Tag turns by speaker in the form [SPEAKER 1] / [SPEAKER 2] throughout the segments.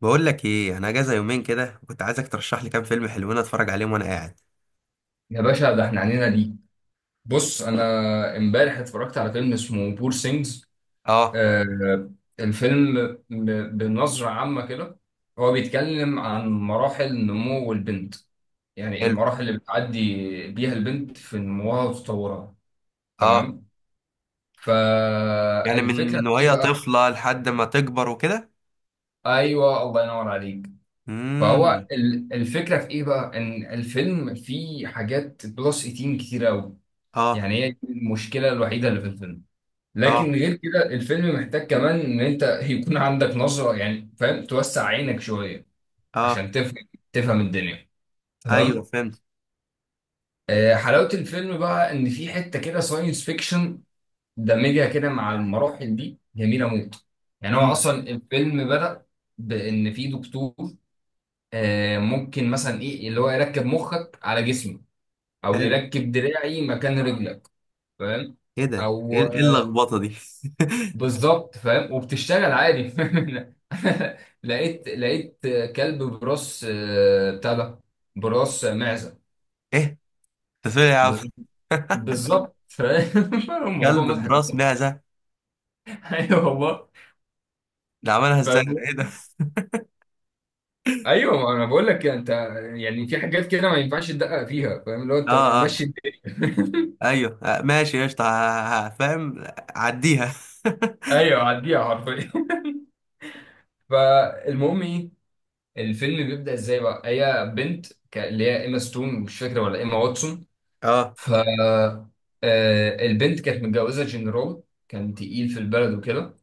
[SPEAKER 1] بقول لك ايه، انا اجازه يومين كده، وكنت عايزك ترشح لي كام فيلم حلوين اتفرج عليهم وانا قاعد.
[SPEAKER 2] يا باشا ده احنا عنينا ليك. بص، انا امبارح اتفرجت على فيلم اسمه بور سينجز.
[SPEAKER 1] اه.
[SPEAKER 2] آه الفيلم بنظرة عامة كده، هو بيتكلم عن مراحل نمو البنت. يعني
[SPEAKER 1] حلو.
[SPEAKER 2] المراحل اللي بتعدي بيها البنت في نموها وتطورها.
[SPEAKER 1] اه.
[SPEAKER 2] تمام.
[SPEAKER 1] يعني من
[SPEAKER 2] فالفكرة
[SPEAKER 1] من
[SPEAKER 2] في ايه
[SPEAKER 1] وهي
[SPEAKER 2] بقى؟
[SPEAKER 1] طفله لحد ما تكبر وكده.
[SPEAKER 2] ايوه، الله ينور عليك. فهو
[SPEAKER 1] امم.
[SPEAKER 2] الفكرة في ايه بقى؟ ان الفيلم فيه حاجات بلس 18 كتير قوي.
[SPEAKER 1] اه.
[SPEAKER 2] يعني هي دي المشكلة الوحيدة اللي في الفيلم. لكن
[SPEAKER 1] اه.
[SPEAKER 2] غير كده الفيلم محتاج كمان ان انت يكون عندك نظرة، يعني فاهم، توسع عينك شوية
[SPEAKER 1] اه.
[SPEAKER 2] عشان تفهم الدنيا.
[SPEAKER 1] ايوه،
[SPEAKER 2] تمام.
[SPEAKER 1] فهمت.
[SPEAKER 2] حلاوة الفيلم بقى ان في حتة كده ساينس فيكشن، دمجها كده مع المراحل دي جميلة موت. يعني هو
[SPEAKER 1] امم.
[SPEAKER 2] اصلا الفيلم بدأ بان في دكتور. ممكن مثلا ايه اللي هو يركب مخك على جسمي، او
[SPEAKER 1] حلو.
[SPEAKER 2] يركب دراعي مكان رجلك، فاهم؟
[SPEAKER 1] ايه ده؟ ايه
[SPEAKER 2] او
[SPEAKER 1] إيه اللخبطه دي؟
[SPEAKER 2] بالظبط، فاهم؟ وبتشتغل عادي. لقيت كلب براس بتاع ده، براس معزه.
[SPEAKER 1] ايه ده؟ فين يا عم؟
[SPEAKER 2] بز- بالظبط، فاهم. الموضوع
[SPEAKER 1] كلب براس
[SPEAKER 2] مضحك.
[SPEAKER 1] معزه؟
[SPEAKER 2] ايوه والله.
[SPEAKER 1] ده عملها ازاي؟ ده
[SPEAKER 2] فاهم؟
[SPEAKER 1] ايه ده؟
[SPEAKER 2] ايوه، ما انا بقول لك انت. يعني في حاجات كده ما ينفعش تدقق فيها، فاهم، لو
[SPEAKER 1] اه.
[SPEAKER 2] انت
[SPEAKER 1] اه.
[SPEAKER 2] ماشي الدنيا.
[SPEAKER 1] ايوه. آه، ماشي، قشطه. فاهم. عديها.
[SPEAKER 2] ايوه، عديها حرفيا. فالمهم ايه؟ الفيلم بيبدأ ازاي بقى؟ هي بنت اللي هي ايما ستون، مش فاكره ولا ايما واتسون.
[SPEAKER 1] اه.
[SPEAKER 2] ف آه، البنت كانت متجوزه جنرال، كان تقيل في البلد وكده.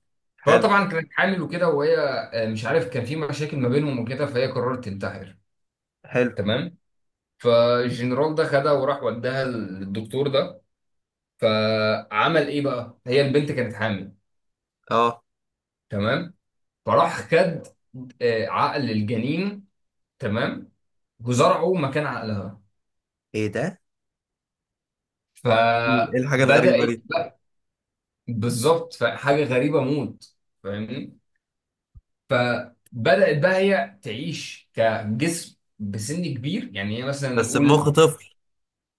[SPEAKER 1] حلو
[SPEAKER 2] فطبعا كانت حامل وكده، وهي مش عارف، كان في مشاكل ما بينهم وكده، فهي قررت تنتحر.
[SPEAKER 1] حلو.
[SPEAKER 2] تمام. فالجنرال ده خدها وراح وداها للدكتور ده. فعمل ايه بقى؟ هي البنت كانت حامل.
[SPEAKER 1] اه.
[SPEAKER 2] تمام. فراح خد عقل الجنين. تمام. وزرعه مكان عقلها.
[SPEAKER 1] ايه ده؟ ايه الحاجة الغريبة
[SPEAKER 2] فبدأت
[SPEAKER 1] دي؟
[SPEAKER 2] بقى. بالظبط، فحاجة غريبة موت. فاهمني. فبدأت بقى هي تعيش كجسم بسن كبير، يعني هي مثلا
[SPEAKER 1] بس بمخ
[SPEAKER 2] نقول.
[SPEAKER 1] طفل.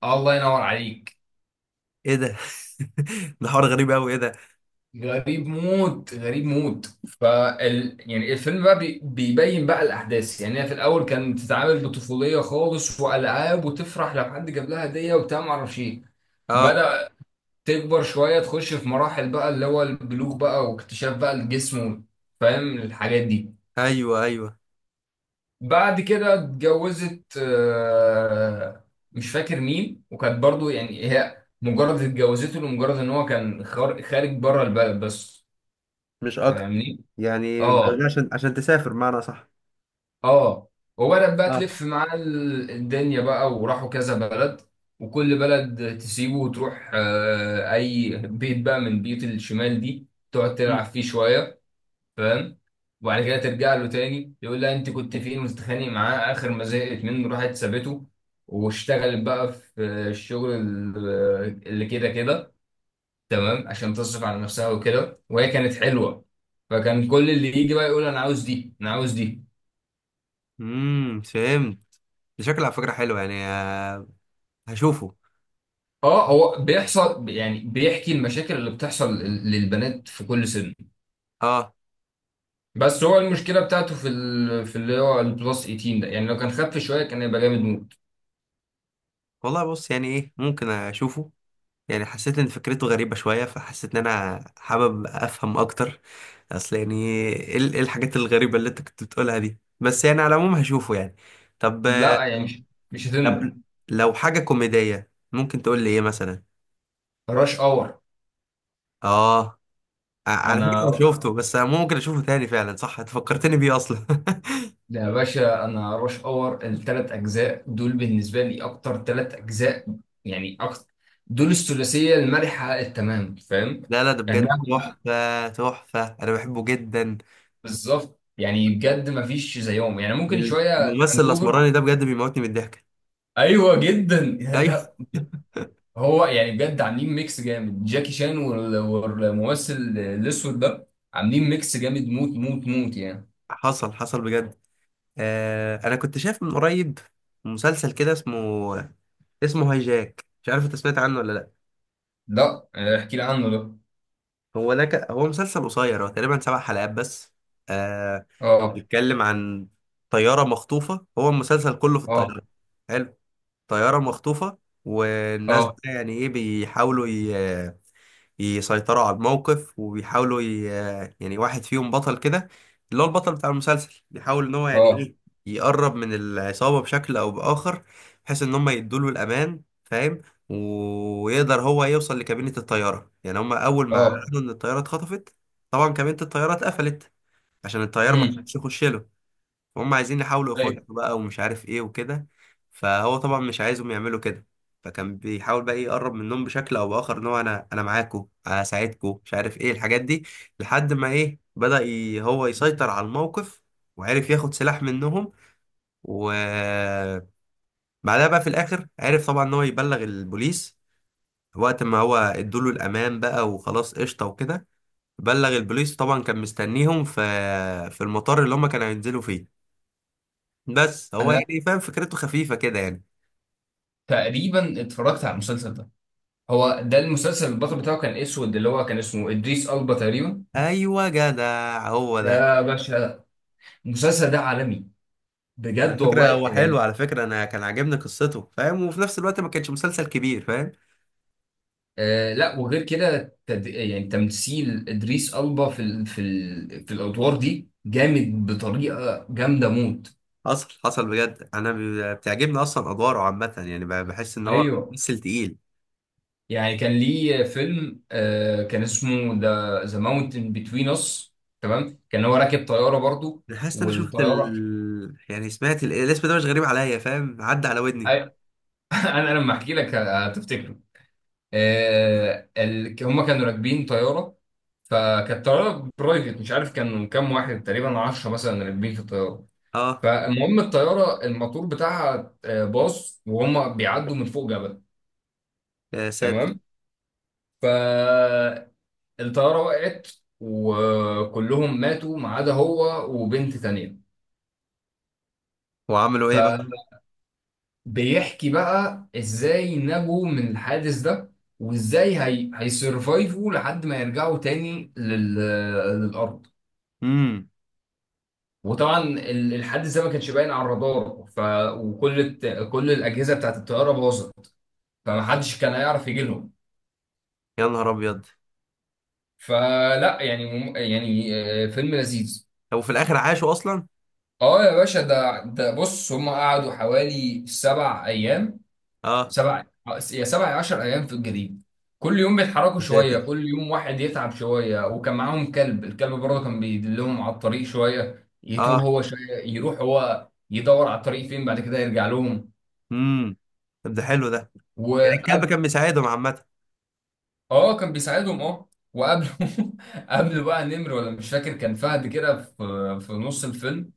[SPEAKER 2] الله ينور عليك.
[SPEAKER 1] ايه ده؟ ده حوار غريب قوي. ايه ده؟
[SPEAKER 2] غريب موت، غريب موت. يعني الفيلم بقى بيبين بقى الاحداث. يعني هي في الاول كانت بتتعامل بطفوليه خالص، والعاب، وتفرح لو حد جاب لها هديه وبتاع، ما اعرفش ايه.
[SPEAKER 1] اه.
[SPEAKER 2] بدأ تكبر شويه، تخش في مراحل بقى اللي هو البلوغ بقى، واكتشاف بقى الجسم، فاهم الحاجات دي.
[SPEAKER 1] ايوه، ايوه،
[SPEAKER 2] بعد كده اتجوزت، مش فاكر مين، وكانت برضو يعني هي مجرد اتجوزته لمجرد ان هو كان خارج بره البلد بس،
[SPEAKER 1] مش اكتر.
[SPEAKER 2] فاهمني؟
[SPEAKER 1] يعني جايبها
[SPEAKER 2] اه،
[SPEAKER 1] عشان تسافر معنى، صح؟
[SPEAKER 2] اه. وبدأت بقى
[SPEAKER 1] اه.
[SPEAKER 2] تلف معاه الدنيا بقى، وراحوا كذا بلد. وكل بلد تسيبه وتروح اي بيت بقى من بيوت الشمال دي، تقعد تلعب فيه شوية، فاهم. وبعد كده ترجع له تاني يقول لها انت كنت فين، وتتخانق معاه، اخر ما زهقت منه راحت سابته. واشتغلت بقى في الشغل اللي كده كده، تمام، عشان تصرف على نفسها وكده، وهي كانت حلوه، فكان كل اللي يجي بقى يقول انا عاوز دي، انا عاوز دي.
[SPEAKER 1] امم، فهمت. ده شكله على فكرة حلو يعني. هشوفه.
[SPEAKER 2] اه، هو بيحصل، يعني بيحكي المشاكل اللي بتحصل للبنات في كل سن.
[SPEAKER 1] اه
[SPEAKER 2] بس هو المشكله بتاعته في ال... في اللي هو البلس 18 ده، يعني لو كان خف شويه كان هيبقى جامد موت.
[SPEAKER 1] والله، بص يعني ايه، ممكن اشوفه. يعني حسيت ان فكرته غريبة شوية، فحسيت ان انا حابب افهم اكتر. اصل يعني ايه؟ إيه الحاجات الغريبة اللي انت كنت بتقولها دي؟ بس يعني على العموم هشوفه يعني. طب.
[SPEAKER 2] لا، يعني مش هتندم.
[SPEAKER 1] طب لو حاجة كوميدية ممكن تقول لي ايه مثلا؟
[SPEAKER 2] راش اور.
[SPEAKER 1] اه. على فكرة انا
[SPEAKER 2] انا
[SPEAKER 1] شفته، بس انا ممكن اشوفه تاني. فعلا صح، انت فكرتني بيه اصلا.
[SPEAKER 2] ده يا باشا، انا رش اور الثلاث اجزاء دول بالنسبه لي اكتر ثلاث اجزاء، يعني اكتر. دول الثلاثيه المرحه التمام، فاهم.
[SPEAKER 1] لا لا، ده
[SPEAKER 2] يعني نعم،
[SPEAKER 1] بجد تحفة تحفة، انا بحبه جدا.
[SPEAKER 2] بالظبط. يعني بجد ما فيش زيهم، يعني ممكن شويه ذا
[SPEAKER 1] الممثل
[SPEAKER 2] هانجوفر.
[SPEAKER 1] الاسمراني ده بجد بيموتني من الضحك.
[SPEAKER 2] ايوه جدا.
[SPEAKER 1] ايوه.
[SPEAKER 2] ده هو يعني بجد عاملين ميكس جامد، جاكي شان والممثل الاسود ده، عاملين ميكس جامد موت موت موت يعني.
[SPEAKER 1] حصل حصل بجد. آه، انا كنت شايف من قريب مسلسل كده اسمه هاي جاك، مش عارف انت سمعت عنه ولا لا.
[SPEAKER 2] لا. احكي لي عنه ده.
[SPEAKER 1] هو ده هو مسلسل قصير، هو تقريبا 7 حلقات بس. آه،
[SPEAKER 2] اه،
[SPEAKER 1] بيتكلم عن طيارة مخطوفة، هو المسلسل كله في الطيارة.
[SPEAKER 2] اه،
[SPEAKER 1] حلو. طيارة مخطوفة. والناس
[SPEAKER 2] اه،
[SPEAKER 1] بقى يعني ايه بيحاولوا يسيطروا على الموقف، وبيحاولوا يعني واحد فيهم بطل كده، اللي هو البطل بتاع المسلسل، بيحاول ان هو يعني
[SPEAKER 2] اه،
[SPEAKER 1] ايه يقرب من العصابة بشكل او بآخر، بحيث ان هم يدوله الامان، فاهم. ويقدر هو يوصل لكابينة الطيارة. يعني هم اول ما
[SPEAKER 2] اه.
[SPEAKER 1] عرفوا ان الطيارة اتخطفت، طبعا كابينة الطيارة اتقفلت، عشان الطيار ما
[SPEAKER 2] امم
[SPEAKER 1] حدش يخش له. فهم عايزين يحاولوا يخشوا بقى ومش عارف ايه وكده، فهو طبعا مش عايزهم يعملوا كده. فكان بيحاول بقى إيه يقرب منهم بشكل او باخر، ان هو انا معاكم، هساعدكم، مش عارف ايه الحاجات دي. لحد ما ايه بدأ هو يسيطر على الموقف، وعرف ياخد سلاح منهم. وبعدها بقى في الاخر عرف طبعا ان هو يبلغ البوليس وقت ما هو ادوله الامان بقى وخلاص، قشطه وكده. بلغ البوليس، طبعا كان مستنيهم في المطار اللي هم كانوا هينزلوا فيه. بس هو
[SPEAKER 2] انا
[SPEAKER 1] يعني فاهم، فكرته خفيفة كده يعني.
[SPEAKER 2] تقريبا اتفرجت على المسلسل ده. هو ده المسلسل البطل بتاعه كان اسود، اللي هو كان اسمه ادريس البا تقريبا.
[SPEAKER 1] ايوه، جدع، هو ده.
[SPEAKER 2] يا باشا، المسلسل ده عالمي،
[SPEAKER 1] على
[SPEAKER 2] بجد
[SPEAKER 1] فكرة
[SPEAKER 2] والله.
[SPEAKER 1] هو حلو،
[SPEAKER 2] آه.
[SPEAKER 1] على فكرة انا كان عاجبني قصته، فاهم، وفي نفس الوقت ما كانش مسلسل كبير، فاهم.
[SPEAKER 2] لا، وغير كده يعني تمثيل ادريس البا في الادوار دي جامد بطريقه جامده موت.
[SPEAKER 1] حصل حصل بجد. انا بتعجبني اصلا ادواره عامة، يعني بحس ان هو
[SPEAKER 2] ايوه.
[SPEAKER 1] ممثل تقيل.
[SPEAKER 2] يعني كان ليه فيلم كان اسمه ذا ماونتن بتوين اس. تمام، كان هو راكب طياره برضو.
[SPEAKER 1] انا حاسس ان انا شفت
[SPEAKER 2] والطياره
[SPEAKER 1] يعني سمعت الاسم ده مش غريب عليا، فاهم، عدى على ودني.
[SPEAKER 2] انا لما احكي لك هتفتكره. هم كانوا راكبين طياره، فكانت طياره برايفت. مش عارف كانوا كام واحد، تقريبا 10 مثلا راكبين في الطياره.
[SPEAKER 1] اه.
[SPEAKER 2] فالمهم الطياره الموتور بتاعها باظ وهم بيعدوا من فوق جبل.
[SPEAKER 1] يا ساتر.
[SPEAKER 2] تمام. فالطياره وقعت، وكلهم ماتوا ما عدا هو وبنت تانيه.
[SPEAKER 1] وعملوا ايه بقى؟
[SPEAKER 2] بيحكي بقى ازاي نجوا من الحادث ده، وازاي هيسرفايفوا لحد ما يرجعوا تاني للارض.
[SPEAKER 1] امم.
[SPEAKER 2] وطبعا الحادث ده ما كانش باين على الرادار. وكل الت... كل الاجهزه بتاعت الطياره باظت، فما حدش كان هيعرف يجي لهم.
[SPEAKER 1] يا نهار ابيض.
[SPEAKER 2] فلا، يعني يعني فيلم لذيذ.
[SPEAKER 1] هو في الاخر عاشوا اصلا؟
[SPEAKER 2] اه يا باشا، ده بص، هم قعدوا حوالي سبع ايام.
[SPEAKER 1] اه.
[SPEAKER 2] سبع يا سبع يا 10 ايام في الجليد. كل يوم بيتحركوا
[SPEAKER 1] يا ساتر.
[SPEAKER 2] شويه، كل يوم واحد يتعب شويه. وكان معاهم كلب، الكلب برضه كان بيدلهم على الطريق شويه، يتوه
[SPEAKER 1] اه.
[SPEAKER 2] هو شويه، يروح هو يدور على الطريق فين، بعد كده يرجع لهم.
[SPEAKER 1] امم. طب ده حلو ده. يعني الكلب
[SPEAKER 2] وقبل
[SPEAKER 1] كان بيساعدهم عامة.
[SPEAKER 2] اه، كان بيساعدهم، اه. وقبل قبل بقى نمر، ولا مش فاكر كان فهد كده، في نص الفيلم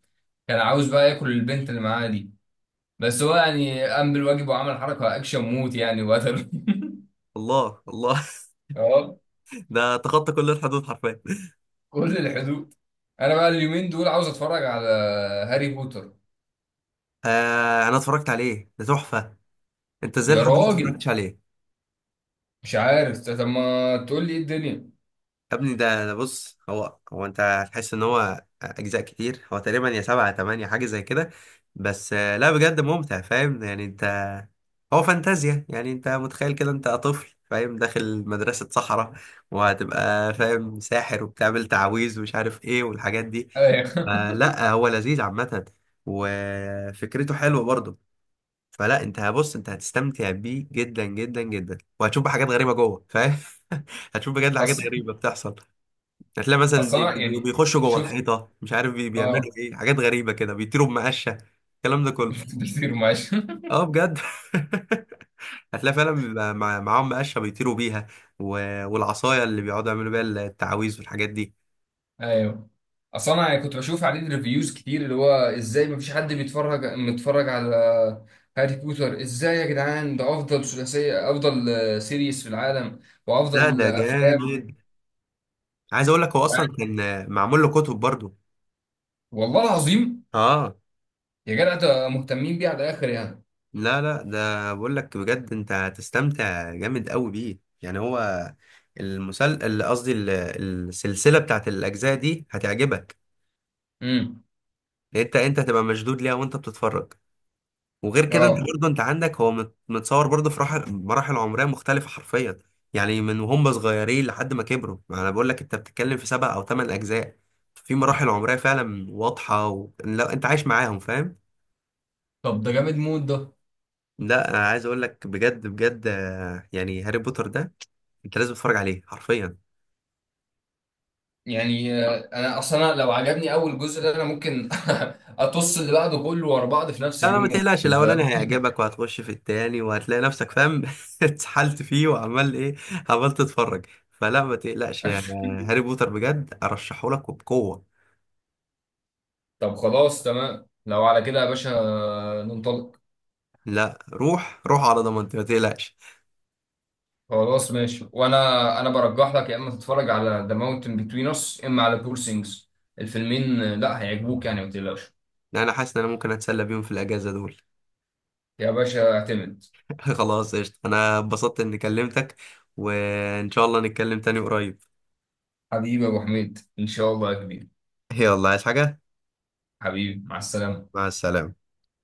[SPEAKER 2] كان عاوز بقى ياكل البنت اللي معاه دي، بس هو يعني قام بالواجب وعمل حركه اكشن موت يعني وقتل.
[SPEAKER 1] الله الله. ده تخطى كل الحدود حرفيا.
[SPEAKER 2] كل الحدود. انا بقى اليومين دول عاوز اتفرج على هاري بوتر.
[SPEAKER 1] آه، انا اتفرجت عليه، ده تحفة. انت ازاي
[SPEAKER 2] يا
[SPEAKER 1] لحد دلوقتي ما
[SPEAKER 2] راجل،
[SPEAKER 1] اتفرجتش عليه؟
[SPEAKER 2] مش عارف، طب ما تقول لي ايه الدنيا.
[SPEAKER 1] يا ابني، ده بص، هو انت هتحس ان هو اجزاء كتير، هو تقريبا يا 7 يا 8، حاجة زي كده. بس لا بجد ممتع، فاهم، يعني انت هو فانتازيا، يعني انت متخيل كده انت طفل، فاهم، داخل مدرسة صحراء، وهتبقى فاهم ساحر، وبتعمل تعاويذ ومش عارف ايه والحاجات دي.
[SPEAKER 2] ايوه.
[SPEAKER 1] فلا هو لذيذ عامة، وفكرته حلوة برضه. فلا انت هبص انت هتستمتع بيه جدا جدا جدا، وهتشوف بقى حاجات غريبة جوه، فاهم. هتشوف بجد حاجات
[SPEAKER 2] اصل
[SPEAKER 1] غريبة بتحصل. هتلاقي مثلا
[SPEAKER 2] اصل انا يعني
[SPEAKER 1] بيخشوا جوه
[SPEAKER 2] شفت.
[SPEAKER 1] الحيطة، مش عارف بيعملوا
[SPEAKER 2] اه.
[SPEAKER 1] ايه، حاجات غريبة كده، بيطيروا بمقشة، الكلام ده كله.
[SPEAKER 2] شفت كتير، معلش.
[SPEAKER 1] اه بجد. هتلاقي فعلا بيبقى معاهم مقشة بيطيروا بيها، والعصاية اللي بيقعدوا يعملوا بيها التعاويذ والحاجات دي.
[SPEAKER 2] ايوه. اصل انا يعني كنت بشوف عليه ريفيوز كتير، اللي هو ازاي مفيش حد متفرج على هاري بوتر. ازاي يا جدعان؟ ده افضل ثلاثيه، افضل سيريس في العالم،
[SPEAKER 1] لا
[SPEAKER 2] وافضل
[SPEAKER 1] ده
[SPEAKER 2] افلام.
[SPEAKER 1] جامد. عايز اقول لك هو اصلا كان معمول له كتب برضه.
[SPEAKER 2] والله العظيم.
[SPEAKER 1] اه.
[SPEAKER 2] يا جدع ده مهتمين بيه على الاخر يعني.
[SPEAKER 1] لا لا، ده بقول لك بجد انت هتستمتع جامد قوي بيه، يعني هو قصدي السلسله بتاعت الاجزاء دي هتعجبك.
[SPEAKER 2] امم
[SPEAKER 1] لان انت هتبقى مشدود ليها وانت بتتفرج. وغير كده انت
[SPEAKER 2] اه.
[SPEAKER 1] برضه انت عندك هو متصور برضه في مراحل عمريه مختلفه حرفيا. يعني من وهم صغيرين لحد ما كبروا. ما انا بقول لك انت بتتكلم في 7 او 8 اجزاء، في مراحل عمريه فعلا واضحه لا انت عايش معاهم، فاهم.
[SPEAKER 2] طب ده جامد مود ده.
[SPEAKER 1] لا انا عايز اقول لك بجد بجد، يعني هاري بوتر ده انت لازم تتفرج عليه حرفيا.
[SPEAKER 2] يعني انا اصلا لو عجبني اول جزء ده، انا ممكن اطص اللي بعده كله ورا بعض في نفس
[SPEAKER 1] لا لا، ما
[SPEAKER 2] اليوم،
[SPEAKER 1] تقلقش، الاولاني
[SPEAKER 2] فاهم.
[SPEAKER 1] هيعجبك وهتخش في التاني، وهتلاقي نفسك فاهم اتسحلت فيه وعمال ايه، عمال تتفرج. فلا ما تقلقش يعني. هاري بوتر بجد ارشحه لك وبقوة.
[SPEAKER 2] طب خلاص، تمام، لو على كده يا باشا، ننطلق.
[SPEAKER 1] لا، روح روح على ضمانتي، ما تقلقش.
[SPEAKER 2] خلاص، ماشي. وانا انا برجح لك يا اما تتفرج على ذا ماونتن بتوين اس، اما على بور سينجز. الفيلمين لا هيعجبوك، يعني ما تقلقش.
[SPEAKER 1] لا انا حاسس ان انا ممكن اتسلى بيهم في الاجازة دول.
[SPEAKER 2] يا باشا اعتمد.
[SPEAKER 1] خلاص، قشطة، انا اتبسطت اني كلمتك، وان شاء الله نتكلم تاني قريب.
[SPEAKER 2] حبيبي يا ابو حميد، ان شاء الله يا كبير.
[SPEAKER 1] يلا، عايز حاجة؟
[SPEAKER 2] حبيبي، مع السلامه.
[SPEAKER 1] مع السلامة.